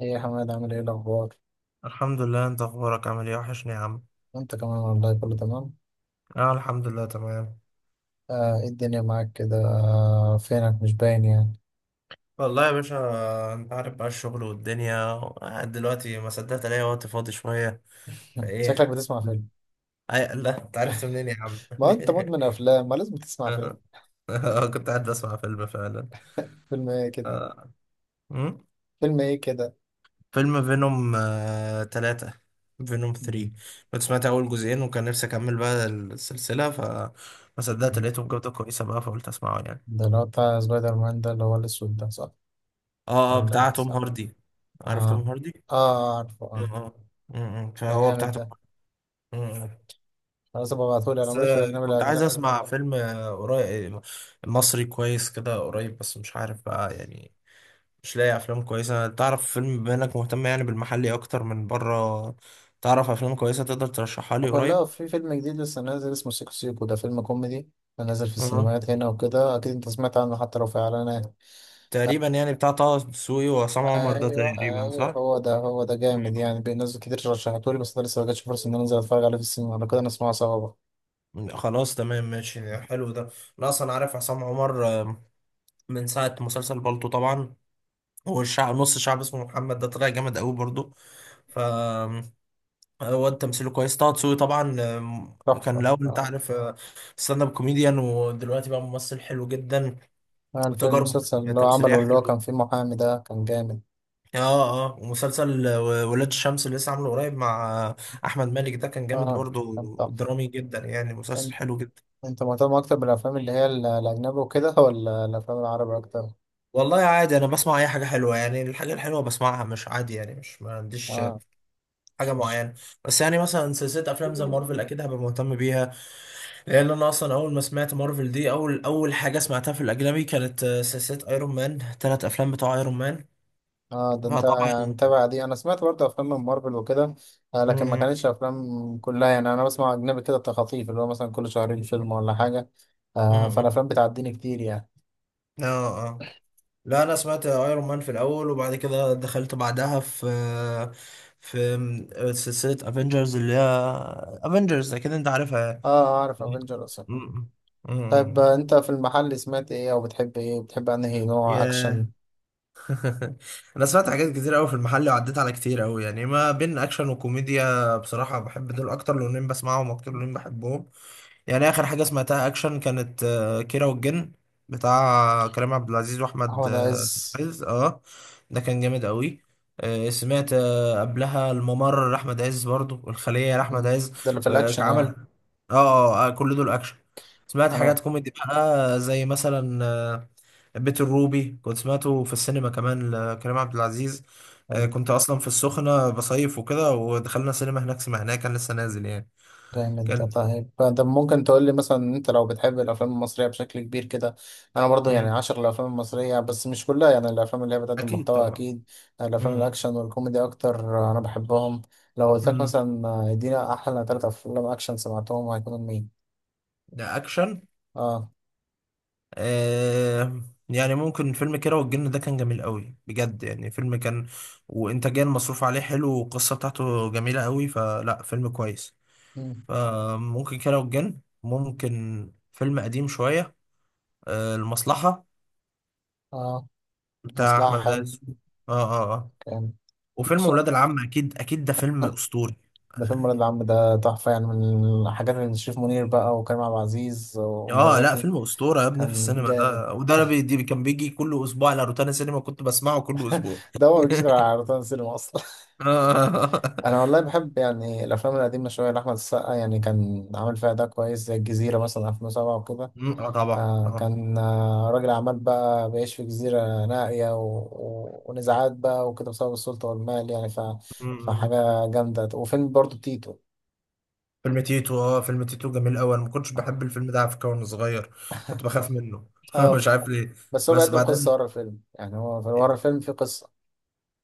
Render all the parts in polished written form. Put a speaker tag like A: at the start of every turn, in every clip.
A: ايه يا حماد عامل ايه الاخبار؟
B: الحمد لله. انت اخبارك عامل ايه؟ وحشني يا عم.
A: وانت كمان والله كله تمام.
B: اه، الحمد لله تمام.
A: ايه الدنيا معاك كده؟ فينك مش باين يعني؟
B: والله يا باشا، انت عارف بقى الشغل والدنيا قاعد دلوقتي. ما صدقت الاقي وقت فاضي شوية.
A: شكلك
B: فايه؟
A: بتسمع فيلم.
B: اي لا، انت عرفت منين يا عم؟
A: ما انت مدمن افلام ما لازم تسمع فيلم.
B: اه، اه، كنت قاعد اسمع فيلم فعلا.
A: فيلم ايه كده؟
B: اه، مم؟
A: فيلم ايه كده؟
B: فيلم فينوم تلاتة. فينوم
A: مم.
B: 3. كنت سمعت اول جزئين وكان نفسي اكمل بقى السلسلة، فما صدقت لقيتهم جودة كويسة بقى فقلت اسمعه يعني.
A: ده اللي هو بتاع سبايدر مان، ده اللي هو الاسود ده، صح
B: اه، اه،
A: ولا ايه؟
B: بتاع توم
A: صح،
B: هاردي. عارف توم
A: اه
B: هاردي؟
A: اه، عارفه اه.
B: آه. آه.
A: ده
B: فهو
A: جامد
B: بتاعته.
A: ده.
B: آه.
A: خلاص ابقى ابعتهولي، انا
B: بس
A: ماليش في الاجنبي
B: كنت عايز
A: الاجنبي.
B: اسمع فيلم قريب، مصري كويس كده، قريب، بس مش عارف بقى يعني. مش لاقي افلام كويسه. تعرف فيلم، بما انك مهتم يعني بالمحلي اكتر من بره، تعرف افلام كويسه تقدر ترشحها لي قريب؟
A: والله في فيلم جديد لسه نازل اسمه سيكو سيكو، ده فيلم كوميدي نازل في
B: اه،
A: السينمات هنا وكده، اكيد انت سمعت عنه حتى لو في اعلانات.
B: تقريبا يعني بتاع طه دسوقي وعصام عمر، ده
A: ايوه
B: تقريبا
A: ايوه،
B: صح.
A: هو ده هو ده جامد يعني، ناس كتير رشحتولي بس انا لسه ما جاتش فرصه ان انا انزل اتفرج عليه في السينما، لو كده نسمعه سوا بقى.
B: مم. خلاص تمام ماشي، حلو ده. انا اصلا عارف عصام عمر من ساعه مسلسل بالطو طبعا. هو الشعب، نص الشعب اسمه محمد، ده طلع جامد قوي برضو. ف هو تمثيله كويس. طه دسوقي طبعا، كان
A: تحفه
B: الاول انت
A: اه.
B: عارف ستاند اب كوميديان، ودلوقتي بقى ممثل حلو جدا.
A: الفيلم
B: وتجاربه
A: المسلسل اللي هو
B: تمثيليه
A: عمله اللي هو كان
B: حلوه.
A: فيه محامي ده كان جامد.
B: اه، اه. ومسلسل ولاد الشمس اللي لسه عامله قريب مع احمد مالك، ده كان جامد
A: اه كان
B: برضو.
A: تحفه.
B: درامي جدا يعني، مسلسل
A: انت
B: حلو جدا.
A: انت مهتم اكتر بالافلام اللي هي الاجنبي وكده ولا الافلام العربي اكتر؟
B: والله عادي، انا بسمع اي حاجه حلوه يعني. الحاجه الحلوه بسمعها، مش عادي يعني. مش ما عنديش
A: اه،
B: حاجه
A: مش
B: معينه. بس يعني مثلا سلسله افلام زي مارفل اكيد هبقى مهتم بيها. لان انا اصلا اول ما سمعت مارفل دي، اول اول حاجه سمعتها في الاجنبي كانت سلسله ايرون مان، ثلاث افلام بتوع ايرون مان.
A: اه، ده انت
B: فطبعا
A: متابع دي. انا سمعت برضه افلام من مارفل وكده، آه لكن ما
B: مم.
A: كانتش افلام كلها يعني، انا بسمع اجنبي كده تخاطيف اللي هو مثلا كل شهرين فيلم ولا حاجه. آه
B: مم.
A: فالافلام بتعديني كتير يعني.
B: اه، اه. لا، انا سمعت ايرون مان في الاول وبعد كده دخلت بعدها في في سلسله افنجرز اللي هي افنجرز، اكيد انت عارفها يعني.
A: اه، اعرف افنجرز.
B: مم.
A: طيب
B: مم.
A: انت في المحل سمعت ايه او بتحب ايه، بتحب انهي نوع
B: يا
A: اكشن؟
B: انا سمعت حاجات كتير قوي في المحل، وعديت على كتير قوي يعني، ما بين اكشن وكوميديا. بصراحه بحب دول اكتر لونين، بسمعهم اكتر، لونين بحبهم يعني. اخر حاجه سمعتها اكشن كانت كيرة والجن، بتاع كريم عبد العزيز واحمد
A: احمد عز.
B: عز. اه، ده كان جامد قوي. سمعت قبلها الممر لاحمد عز برضو، والخليه لاحمد
A: مم،
B: عز.
A: ده اللي في
B: كان
A: الاكشن
B: عمل
A: يعني.
B: كل دول اكشن. سمعت
A: انا
B: حاجات كوميدي بقى، زي مثلا بيت الروبي، كنت سمعته في السينما كمان لكريم عبد العزيز. كنت اصلا في السخنه بصيف وكده، ودخلنا سينما هناك سمعناه، كان لسه نازل يعني،
A: جامد ده.
B: كان.
A: طيب، ممكن تقول لي مثلا إن انت لو بتحب الافلام المصريه بشكل كبير كده، انا برضو يعني
B: مم.
A: عاشق الافلام المصريه بس مش كلها يعني، الافلام اللي هي بتقدم
B: اكيد
A: محتوى
B: طبعا.
A: اكيد. الافلام
B: مم.
A: الاكشن والكوميدي اكتر انا بحبهم. لو قلت لك
B: مم.
A: مثلا ادينا احلى ثلاث افلام اكشن سمعتهم هيكونوا مين؟
B: ده اكشن.
A: اه.
B: آه يعني ممكن فيلم كيرة والجن، ده كان جميل قوي بجد يعني. فيلم كان وانتاجيا مصروف عليه حلو، والقصه بتاعته جميله قوي، فلا فيلم كويس.
A: مم.
B: فممكن كيرة والجن. ممكن فيلم قديم شويه، المصلحة
A: اه،
B: بتاع
A: مصلحه
B: احمد
A: حلو
B: عز. اه، اه، اه.
A: كان.
B: وفيلم
A: بص،
B: ولاد العم، اكيد اكيد، ده فيلم اسطوري.
A: ده فيلم ولاد العم ده تحفه يعني، من الحاجات اللي شريف منير بقى وكريم عبد العزيز ومنى
B: اه، لا
A: زكي.
B: فيلم اسطوره يا ابني. في
A: كان
B: السينما
A: جامد.
B: ده، وده أنا بي دي كان بيجي كل اسبوع على روتانا سينما، كنت بسمعه كل اسبوع.
A: ده هو ما بيجيش غير على روتانا سينما اصلا.
B: اه.
A: انا والله بحب يعني الافلام القديمه شويه لاحمد السقا، يعني كان عامل فيها ده كويس، زي الجزيره مثلا 2007 وكده.
B: أمم، طبعا
A: آه
B: اه.
A: كان آه راجل اعمال بقى بيعيش في جزيره نائيه ونزاعات بقى وكده بسبب السلطه والمال يعني
B: أمم.
A: فحاجه جامده. وفيلم برضو تيتو
B: فيلم تيتو، اه فيلم تيتو جميل قوي. انا ما كنتش
A: اه.
B: بحب الفيلم ده على فكره وانا صغير. كنت بخاف منه.
A: آه،
B: مش عارف ليه.
A: بس هو
B: بس
A: بيقدم قصه
B: بعدين،
A: ورا الفيلم، يعني هو ورا الفيلم في قصه.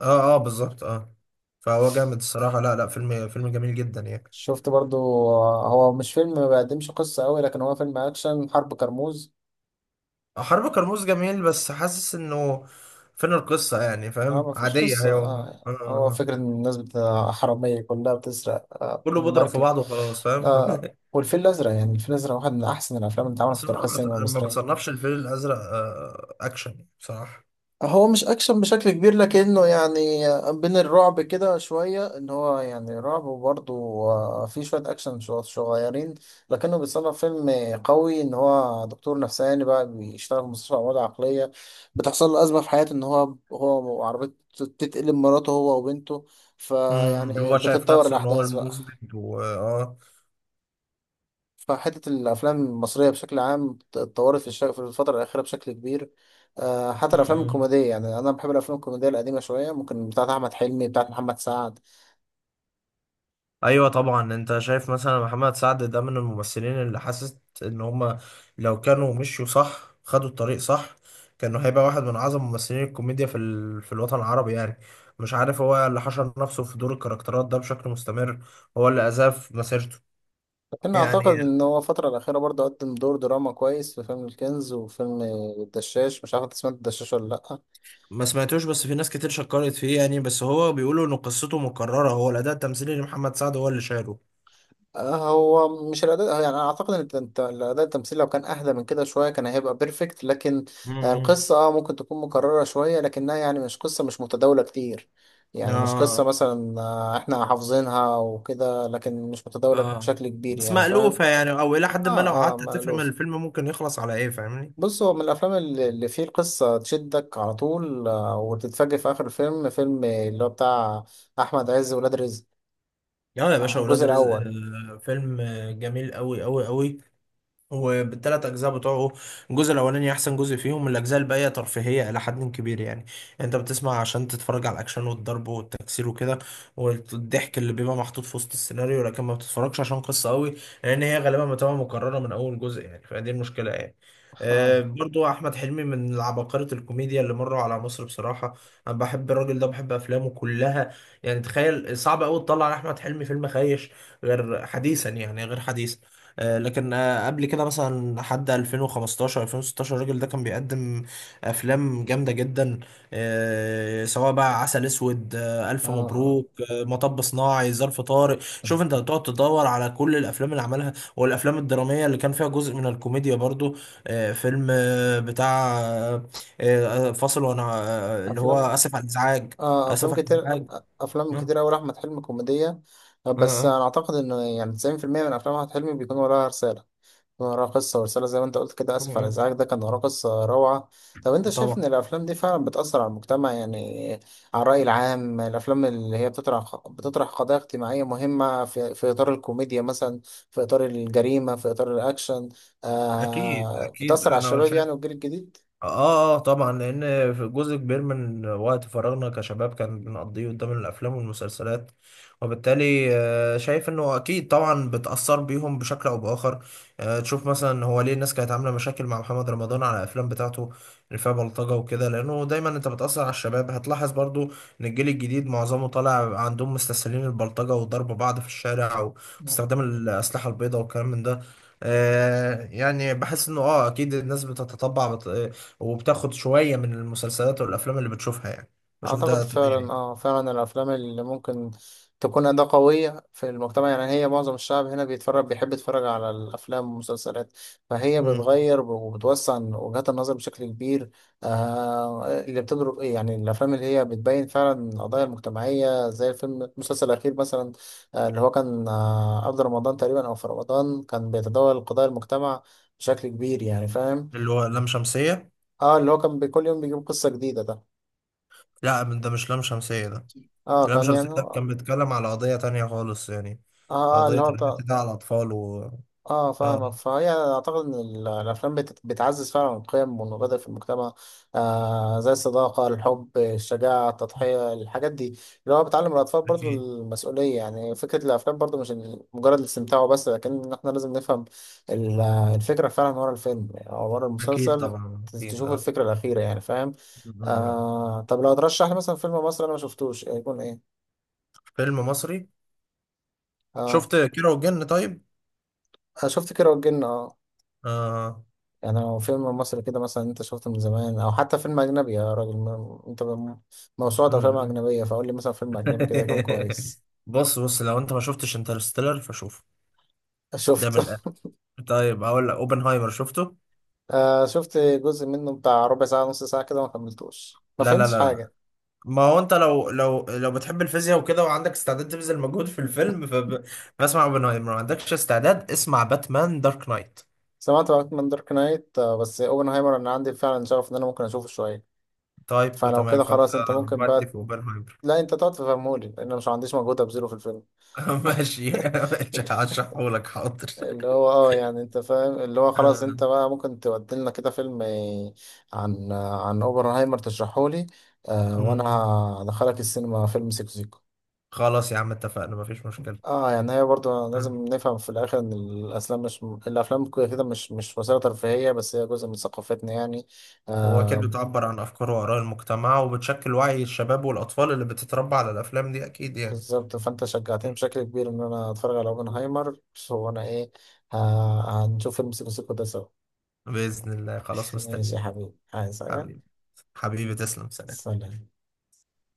B: اه اه بالظبط اه. فهو جامد الصراحه. لا، لا، فيلم جميل جدا يعني.
A: شفت برضو. هو مش فيلم ما بيقدمش قصه قوي، لكن هو فيلم اكشن. حرب كرموز
B: حرب كرموز جميل، بس حاسس انه فين القصة يعني،
A: اه،
B: فاهم،
A: ما فيش
B: عادية.
A: لسه
B: ايوه، آه.
A: آه. هو
B: آه.
A: فكرة ان حرامية كلها بتسرق آه
B: كله بيضرب في
A: المركب.
B: بعضه وخلاص، فاهم.
A: آه، والفيل الأزرق، يعني الفيل الأزرق واحد من أحسن الأفلام اللي اتعملت
B: بس
A: في
B: أنا
A: تاريخ
B: ما
A: السينما
B: أنا ما
A: المصرية.
B: بصنفش الفيل الأزرق أكشن بصراحة.
A: هو مش اكشن بشكل كبير لكنه يعني بين الرعب كده شوية، ان هو يعني رعب وبرضه في شوية صغيرين، لكنه بيصنف فيلم قوي، ان هو دكتور نفساني بقى بيشتغل في مستشفى امراض عقلية، بتحصل له ازمة في حياته ان هو، هو وعربيته تتقلب، مراته هو وبنته،
B: مم،
A: فيعني
B: هو شايف
A: بتتطور
B: نفسه إن هو
A: الاحداث بقى.
B: المذنب و
A: فحتة الأفلام المصرية بشكل عام اتطورت في الفترة الأخيرة بشكل كبير. حتى الأفلام
B: مم،
A: الكوميدية، يعني أنا بحب الأفلام الكوميدية القديمة شوية، ممكن بتاعت أحمد حلمي، بتاعت محمد سعد.
B: ايوه طبعا. انت شايف مثلا محمد سعد ده من الممثلين، اللي حاسس ان هم لو كانوا مشوا صح، خدوا الطريق صح، كانوا هيبقى واحد من اعظم ممثلين الكوميديا في الوطن العربي يعني. مش عارف هو اللي حشر نفسه في دور الكاركترات ده بشكل مستمر، هو اللي أذاه في مسيرته.
A: لكن
B: يعني
A: أعتقد إن هو الفترة الأخيرة برضه قدم دور دراما كويس في فيلم الكنز وفيلم الدشاش، مش عارف أنت سمعت الدشاش ولا لأ.
B: ما سمعتوش، بس في ناس كتير شكرت فيه يعني. بس هو بيقولوا ان قصته مكررة، هو الاداء التمثيلي لمحمد سعد هو اللي شايله.
A: هو مش الأداء يعني، أنا أعتقد إن أنت الأداء التمثيل لو كان أهدى من كده شوية كان هيبقى بيرفكت، لكن القصة أه ممكن تكون مكررة شوية، لكنها يعني مش قصة، مش متداولة كتير يعني، مش قصة
B: امم
A: مثلا إحنا حافظينها وكده، لكن مش متداولة
B: اه،
A: بشكل كبير
B: بس
A: يعني، فاهم.
B: مألوفة يعني، او الى حد ما لو
A: أه أه،
B: قعدت تفهم
A: مألوف.
B: الفيلم ممكن يخلص على ايه، فاهمني.
A: بص هو من الأفلام اللي فيه القصة تشدك على طول، وتتفاجئ في آخر الفيلم. فيلم اللي هو بتاع أحمد عز، ولاد رزق.
B: يلا يا باشا،
A: الجزء
B: اولاد رزق،
A: الأول.
B: فيلم جميل قوي قوي قوي. هو بالتلات أجزاء بتوعه، الجزء الأولاني أحسن جزء فيهم. الأجزاء الباقية ترفيهية إلى حد كبير يعني. يعني أنت بتسمع عشان تتفرج على الأكشن والضرب والتكسير وكده، والضحك اللي بيبقى محطوط في وسط السيناريو، لكن ما بتتفرجش عشان قصة قوي، لأن هي غالبا بتبقى مكررة من أول جزء يعني، فدي المشكلة يعني.
A: أه
B: برضو أحمد حلمي من العباقرة الكوميديا اللي مروا على مصر بصراحة. أنا بحب الراجل ده، بحب أفلامه كلها. يعني تخيل، صعب أوي تطلع على أحمد حلمي فيلم خايش، غير حديثا يعني، غير حديث. لكن قبل كده مثلا لحد 2015 2016 الراجل ده كان بيقدم افلام جامده جدا. سواء بقى عسل اسود،
A: أه.
B: الف
A: آه.
B: مبروك، مطب صناعي، ظرف طارق. شوف انت بتقعد تدور على كل الافلام اللي عملها، والافلام الدراميه اللي كان فيها جزء من الكوميديا برضو. آه، فيلم آه، بتاع آه، آه، فاصل وانا، اللي هو
A: أفلام،
B: اسف على الازعاج.
A: آه
B: اسف
A: افلام
B: على
A: كتير،
B: الازعاج.
A: افلام
B: آه،
A: كتير اوي لاحمد حلمي كوميديه.
B: آه،
A: بس
B: آه،
A: انا اعتقد ان يعني 90% من افلام احمد حلمي بيكون وراها رساله، بيكون وراها قصه ورساله. زي ما انت قلت كده،
B: آه،
A: اسف على
B: آه.
A: الازعاج ده كان وراه قصه روعه. طب انت شايف
B: طبعا.
A: ان الافلام دي فعلا بتاثر على المجتمع يعني، على الراي العام؟ الافلام اللي هي بتطرح بتطرح قضايا اجتماعيه مهمه في في اطار الكوميديا مثلا، في اطار الجريمه، في اطار الاكشن،
B: اكيد
A: آه
B: اكيد
A: بتاثر على
B: انا
A: الشباب يعني
B: شايف.
A: والجيل الجديد.
B: اه، اه طبعا. لان في جزء كبير من وقت فراغنا كشباب كان بنقضيه قدام الافلام والمسلسلات، وبالتالي شايف انه اكيد طبعا بتاثر بيهم بشكل او باخر. تشوف مثلا هو ليه الناس كانت عامله مشاكل مع محمد رمضان على الافلام بتاعته اللي فيها بلطجه وكده، لانه دايما انت بتاثر على الشباب. هتلاحظ برضو ان الجيل الجديد معظمه طالع عندهم مستسهلين البلطجه، وضرب بعض في الشارع، واستخدام الاسلحه البيضاء والكلام من ده. يعني بحس انه اكيد الناس بتتطبع، وبتاخد شوية من المسلسلات والأفلام اللي بتشوفها يعني. بشوف ده
A: اعتقد فعلا،
B: طبيعي.
A: اه فعلا الافلام اللي ممكن تكون اداة قوية في المجتمع يعني، هي معظم الشعب هنا بيتفرج، بيحب يتفرج على الافلام والمسلسلات، فهي
B: مم.
A: بتغير وبتوسع وجهات النظر بشكل كبير. آه اللي بتضرب ايه يعني، الافلام اللي هي بتبين فعلا القضايا المجتمعية، زي الفيلم المسلسل الاخير مثلا، آه اللي هو كان آه قبل رمضان تقريبا او في رمضان، كان بيتداول قضايا المجتمع بشكل كبير يعني، فاهم.
B: اللي هو لام شمسية.
A: اه اللي هو كان كل يوم بيجيب قصة جديدة ده.
B: لا، من ده مش لام شمسية ده.
A: اه
B: لام
A: كان يعني،
B: شمسية ده كان بيتكلم على قضية تانية خالص يعني.
A: اه
B: قضية
A: اللي هو
B: البيت
A: بتاع،
B: ده على الأطفال و...
A: اه
B: اه،
A: فاهمك. فهي اعتقد ان الافلام بتعزز فعلا القيم والمبادئ في المجتمع، آه زي الصداقه، الحب، الشجاعه، التضحيه، الحاجات دي اللي هو بتعلم الاطفال برضو
B: أكيد
A: المسؤوليه. يعني فكره الافلام برضو مش مجرد الاستمتاع بس، لكن إن احنا لازم نفهم ال- الفكره فعلا ورا الفيلم او ورا
B: أكيد
A: المسلسل.
B: طبعا أكيد
A: تشوف
B: اه.
A: الفكره الاخيره يعني، فاهم.
B: مم. مم.
A: آه طب لو ترشح لي مثلا فيلم مصري انا ما شفتوش يكون ايه؟
B: فيلم مصري.
A: اه،
B: شفت كيرة والجن طيب؟
A: شفت كيرة والجن اه.
B: اه.
A: يعني لو فيلم مصري كده مثلا انت شفته من زمان، او حتى فيلم اجنبي يا راجل، انت موسوعة افلام
B: مم.
A: اجنبية، فقول لي مثلا فيلم اجنبي كده يكون كويس.
B: بص، بص، لو انت ما شفتش انترستيلر فشوفه. ده من
A: شفته.
B: الآخر. طيب، هقول لك اوبنهايمر شفته؟
A: آه شفت جزء منه بتاع ربع ساعة نص ساعة كده، ما كملتوش ما
B: لا، لا،
A: فهمتش
B: لا،
A: حاجة.
B: ما هو انت لو بتحب الفيزياء وكده وعندك استعداد تبذل مجهود في الفيلم فاسمع اوبنهايمر. ما عندكش استعداد، اسمع باتمان دارك نايت.
A: سمعت وقت من دارك نايت آه، بس اوبنهايمر انا عندي فعلا شغف ان انا ممكن اشوفه شوية.
B: طيب
A: فلو
B: تمام،
A: كده
B: فانت
A: خلاص انت ممكن
B: ودي
A: بقى.
B: في اوبنهايمر.
A: لا انت تقعد تفهمهولي لان انا مش عنديش مجهود ابذله في الفيلم.
B: ماشي ماشي، هشرحهولك حاضر.
A: اللي هو اه يعني انت فاهم، اللي هو خلاص انت بقى ممكن تودلنا كده فيلم عن اوبنهايمر تشرحهولي. آه وانا
B: امم.
A: هدخلك السينما فيلم سيكو سيكو.
B: خلاص يا عم، اتفقنا مفيش مشكلة.
A: اه يعني هي برضه
B: امم.
A: لازم نفهم في الاخر ان الافلام، مش الافلام كده كده مش مش وسيله ترفيهيه بس، هي جزء من ثقافتنا يعني،
B: هو كده
A: آه.
B: بتعبر عن أفكار وآراء المجتمع، وبتشكل وعي الشباب والأطفال اللي بتتربى على الأفلام دي أكيد يعني.
A: بالظبط، فانت شجعتني بشكل كبير ان انا اتفرج على اوبنهايمر. هو انا ايه، هنشوف فيلم سيكو سيكو ده سوا.
B: بإذن الله، خلاص
A: ماشي يا
B: مستنيين.
A: حبيبي، عايز حاجه؟
B: حبيبي، حبيبي تسلم. سلام.
A: سلام.